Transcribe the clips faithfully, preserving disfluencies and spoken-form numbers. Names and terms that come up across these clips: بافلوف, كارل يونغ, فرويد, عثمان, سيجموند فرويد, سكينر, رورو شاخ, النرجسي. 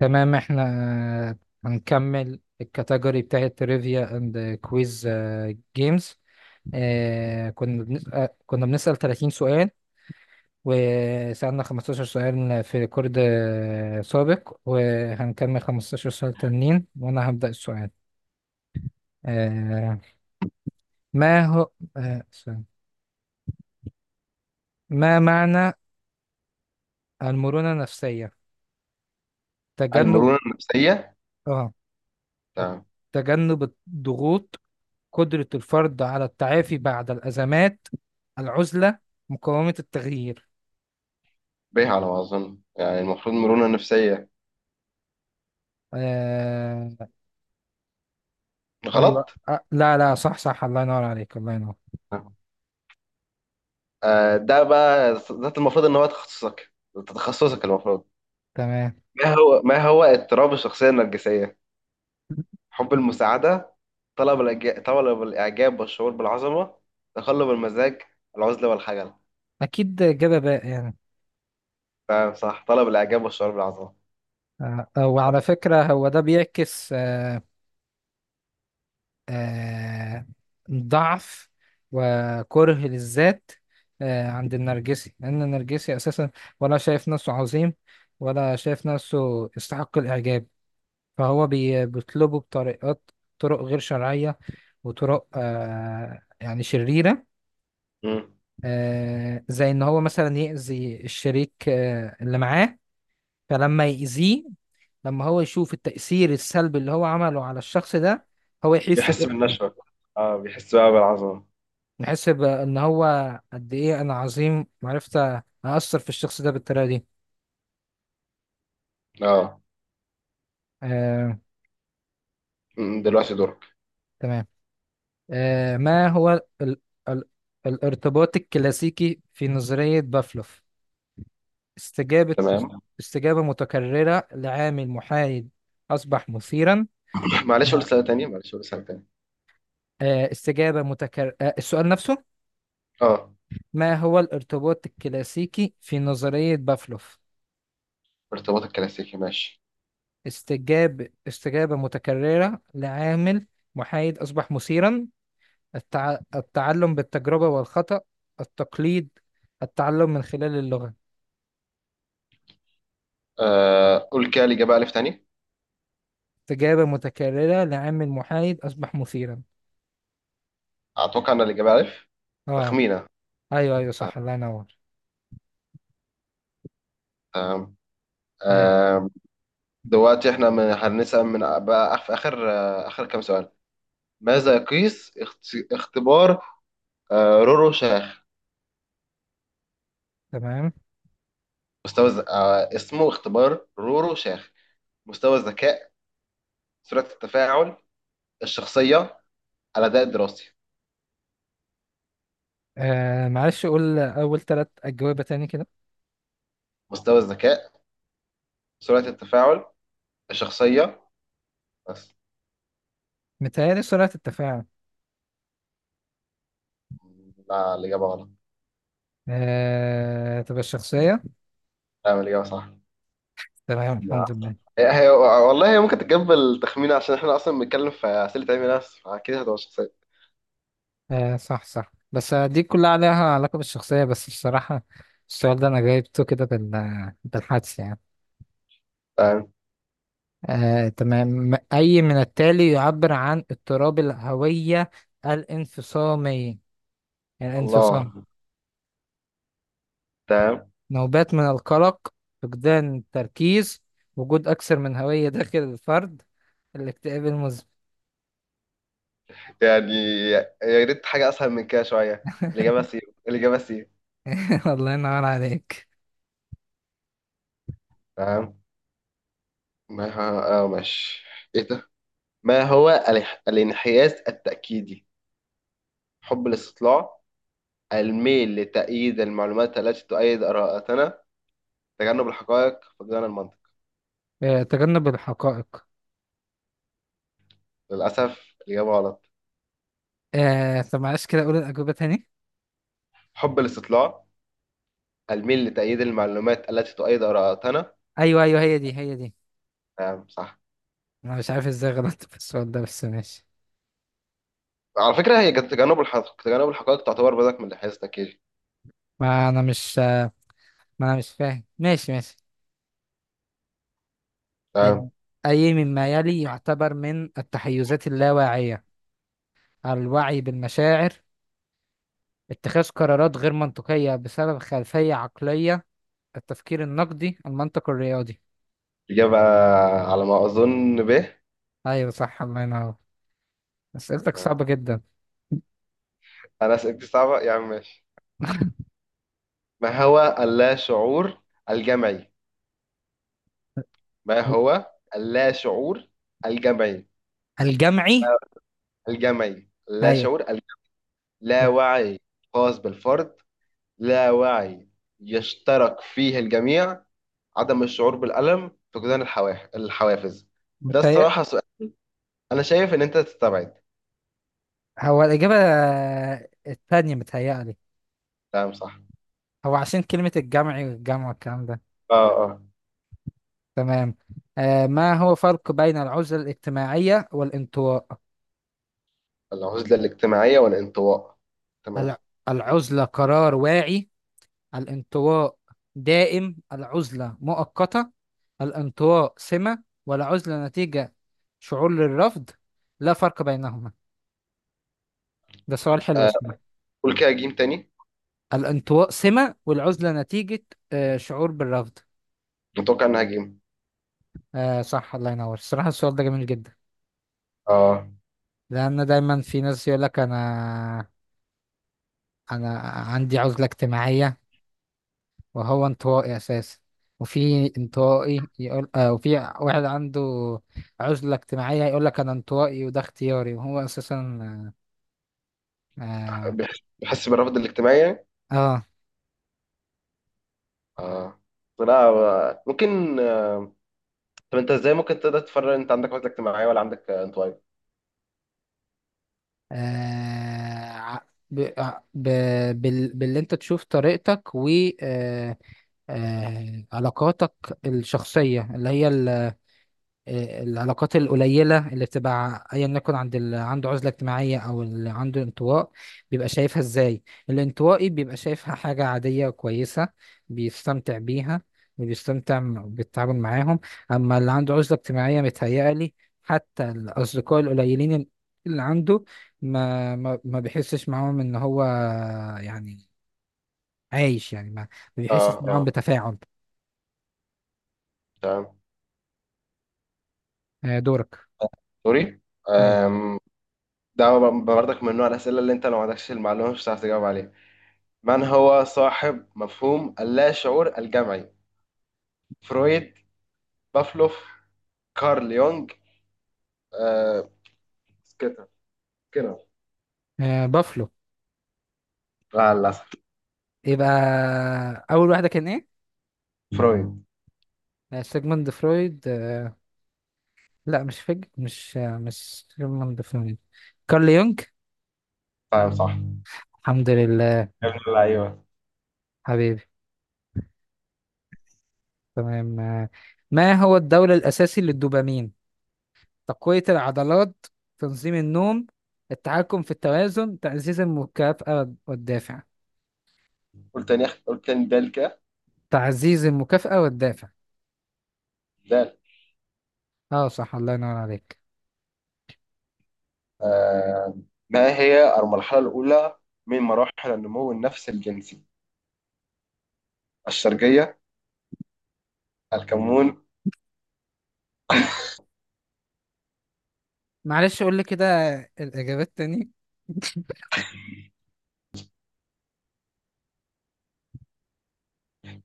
تمام احنا هنكمل الكاتيجوري بتاعت تريفيا اند كويز جيمز. كنا بنسأل كنا بنسأل 30 سؤال، وسألنا 15 سؤال في ريكورد آه، سابق، وهنكمل 15 سؤال تانيين وانا هبدأ السؤال. آه، ما هو آه، ثواني. ما معنى المرونة النفسية؟ تجنب، المرونة النفسية. اه تمام. تجنب الضغوط، قدرة الفرد على التعافي بعد الأزمات، العزلة، مقاومة التغيير. به على ما أظن، يعني المفروض مرونة نفسية. آه... أيوة، غلط. آه... لا لا صح صح، الله ينور عليك الله ينور. تمام. آه، ده بقى ده المفروض إن هو تخصصك ده تخصصك المفروض. تمام. ما هو ما هو اضطراب الشخصية النرجسية؟ حب المساعدة، طلب الإعجاب، طلب الإعجاب والشعور بالعظمة، تقلب المزاج، العزلة والخجل. أكيد إجابة باقي يعني. تمام، صح، طلب الإعجاب والشعور بالعظمة. آه... آه، وعلى فكرة هو ده بيعكس آه... آه... ضعف وكره للذات آه... عند النرجسي، لأن النرجسي أساسا ولا شايف نفسه عظيم ولا شايف نفسه يستحق الإعجاب، فهو بي- بيطلبه بطريقات، طرق غير شرعية وطرق آه يعني شريرة. مم. آه زي إن هو مثلا يأذي الشريك آه اللي معاه، فلما يأذيه، لما هو يشوف التأثير السلبي اللي هو عمله على الشخص ده، هو يحس بيحس بقيمته. بالنشوة. اه، بيحس بقى بالعظمة. يحس بإن هو قد إيه أنا عظيم، وعرفت أأثر في الشخص ده بالطريقة دي. اه. آه. مم، دلوقتي دورك. تمام. آه ما هو ال ال الارتباط الكلاسيكي في نظرية بافلوف؟ استجابة تمام. استجابة متكررة لعامل محايد أصبح مثيرا. معلش قول أها. سؤال تاني معلش قول سؤال تاني آه، استجابة متكررة، السؤال نفسه. اه. ما هو الارتباط الكلاسيكي في نظرية بافلوف؟ ارتباط الكلاسيكي ماشي. استجاب استجابة متكررة لعامل محايد أصبح مثيرا، التع... التعلم بالتجربة والخطأ، التقليد، التعلم من خلال اللغة. آه قول كده الإجابة ألف تاني. استجابة متكررة لعامل محايد أصبح مثيرا. أتوقع إن الإجابة ألف. اه، تخمينة. ايوه ايوه صح الله ينور. آه آه. آه دلوقتي إحنا من هنسأل، من بقى في آخر آه آخر كام سؤال. ماذا يقيس اخت- اختبار آه رورو شاخ؟ تمام. مستوى الز- آه اسمه اختبار رورو شاخ. مستوى الذكاء، سرعة التفاعل، الشخصية، الأداء الدراسي. آه معلش قول أول ثلاث أجوبة تاني كده. مستوى الذكاء، سرعة التفاعل، الشخصية، بس. متهيألي سرعة التفاعل. لا، الإجابة غلط. آه تبقى الشخصية. لا، الإجابة صح. تمام الحمد لله. هي والله هي ممكن تتقبل تخمينه، عشان احنا اصلا بنتكلم في اسئله علم نفس، فاكيد هتبقى شخصيه. آه صح صح، بس دي كلها عليها علاقة بالشخصية، بس بصراحة السؤال ده أنا جايبته كده بال- بالحدس يعني. تمام. آه تمام، أي من التالي يعبر عن اضطراب الهوية الانفصامي؟ الله. الانفصام، تمام. نوبات من القلق، فقدان التركيز، وجود أكثر من هوية داخل الفرد، الاكتئاب المزمن. يعني يا ريت حاجه اسهل من كده شويه، الاجابه سي. الاجابه سي. الله ينور عليك. تمام. ما هو اه ماشي. ايه ده. ما هو الانح- الانحياز التاكيدي؟ حب الاستطلاع، الميل لتأييد المعلومات التي تؤيد آراءتنا، تجنب الحقائق، فقدان المنطق. آه، تجنب الحقائق. للأسف الإجابة غلط. آه، طب معلش كده اقول الاجوبه تاني. حب الاستطلاع، الميل لتأييد المعلومات التي تؤيد آراءتنا. ايوه ايوه، هي دي هي دي. نعم صح. انا مش عارف ازاي غلطت في السؤال ده بس ماشي. على فكرة هي تجنب الحقائق، تجنب الحقائق تعتبر بدك من حيث تكيل. ما انا مش ما انا مش فاهم، ماشي ماشي. آه، نعم. اي مما يلي يعتبر من التحيزات اللاواعيه؟ الوعي بالمشاعر، اتخاذ قرارات غير منطقيه بسبب خلفيه عقليه، التفكير النقدي، المنطق الرياضي. إجابة على ما أظن به. ايوه صح الله ينور. اسئلتك نعم. صعبه جدا. أنا أسئلتي صعبة يا عم، ماشي. ما هو اللا شعور الجمعي؟ ما هو اللا شعور الجمعي؟ الجمعي. الجمعي. لا ايوه. شعور الجمعي. لا وعي خاص بالفرد، لا وعي يشترك فيه الجميع، عدم الشعور بالألم، فقدان الحواف- الحوافز. ده الصراحة سؤال. أنا شايف إن أنت تستبعد. هو الإجابة الثانية متهيألي. تمام صح. هو عشان كلمة الجمعي والجمع والكلام ده. اه، اه. تمام. آه ما هو فرق بين العزلة الاجتماعية والانطواء؟ العزلة الاجتماعية والانطواء. تمام. الع- العزلة قرار واعي، الانطواء دائم العزلة مؤقتة، الانطواء سمة والعزلة نتيجة، شعور للرفض، لا فرق بينهما. ده سؤال حلو آه اسمه. قول كده جيم تاني. الانطواء سمة والعزلة نتيجة، آه شعور بالرفض. متوقع انها جيم. آه صح الله ينور، الصراحة السؤال ده جميل جدا. اه، لأن دايما في ناس يقولك أنا أنا عندي عزلة اجتماعية وهو انطوائي أساسا، وفي انطوائي يقول آه وفي واحد عنده عزلة اجتماعية يقولك أنا انطوائي وده اختياري وهو أساسا. آه بيحس بيحس بالرفض الاجتماعي يعني. آه, اه. لا، آه، ممكن. آه، طب انت ازاي ممكن تقدر تفرق، انت عندك عزلة اجتماعية ولا عندك آه، انطوائي؟ آه ع- ب... ع- ب... بال... باللي أنت تشوف طريقتك و آه آه علاقاتك الشخصية، اللي هي آه، العلاقات القليلة اللي بتبقى أيا يكن، عند اللي عنده عزلة اجتماعية أو اللي عنده انطواء، بيبقى شايفها إزاي. الانطوائي بيبقى شايفها حاجة عادية كويسة، بيستمتع بيها وبيستمتع م- بالتعامل معاهم. أما اللي عنده عزلة اجتماعية متهيألي حتى الأصدقاء القليلين اللي عنده ما ما ما بيحسش معاهم إن هو يعني عايش، يعني ما ما اه، بيحسش معاهم اه. بتفاعل. تمام. آه، دورك. سوري. أيوة. آم، ده ب- برضك من نوع الأسئلة اللي أنت لو ما عندكش المعلومة مش هتعرف تجاوب عليها. من هو صاحب مفهوم اللا شعور الجمعي؟ فرويد، بافلوف، كارل يونغ، آه، سكينر. سكينر. آه، بافلو. لا للأسف. يبقى أول واحدة كان إيه؟ فرويد. آه، سيجموند فرويد. آه، لا مش فج، مش آه، مش سيجموند فرويد، كارل يونغ. فاهم صح. الحمد لله. يا ابن اللعيبه. حبيبي. تمام. آه، ما هو الدولة الأساسي للدوبامين؟ تقوية العضلات، تنظيم النوم، التحكم في التوازن، تعزيز المكافأة والدافع. قلت تاني، قلت تاني، دال كده. تعزيز المكافأة والدافع. دال. اه صح الله ينور عليك. آه. ما هي المرحلة الأولى من مراحل النمو النفسي الجنسي؟ الشرجية، الكمون. معلش قول لي كده الإجابات تاني.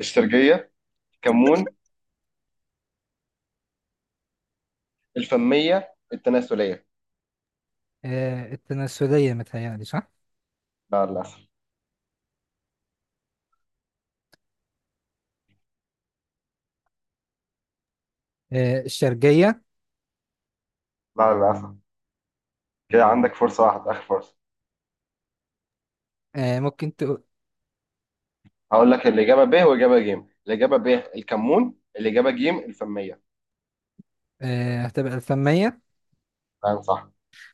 الشرجية، الكمون، الفمية، التناسلية. آه، التناسلية متهيألي صح. لا للأسف. آه، الشرجية. لا للأسف. كده عندك فرصة واحدة، آخر فرصة. آه، ممكن تقول. هقول لك الإجابة ب وإجابة ج. الإجابة ب الكمون، الإجابة ج الفمية. آه، هتبقى الفمية. تمام صح.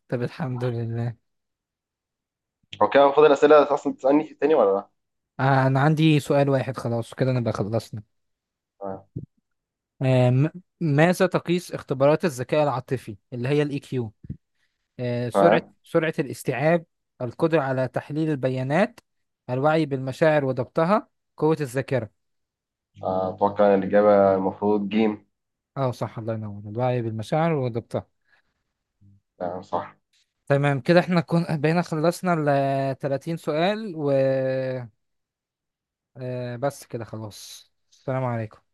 طب الحمد لله. هو كده المفروض الأسئلة أصلا تسألني تاني ولا لا؟ آه، أنا عندي سؤال واحد خلاص كده نبقى خلصنا. آه، م- ماذا تقيس اختبارات الذكاء العاطفي اللي هي الاي كيو؟ سرعة تمام. سرعة الاستيعاب، القدرة على تحليل البيانات، الوعي بالمشاعر وضبطها، قوة الذاكرة. أتوقع إن الإجابة المفروض جيم. اه صح الله ينور، الوعي بالمشاعر وضبطها. آه، صح. تمام، كده احنا كنا بقينا خلصنا ال 30 سؤال. و آه، بس كده خلاص، السلام عليكم.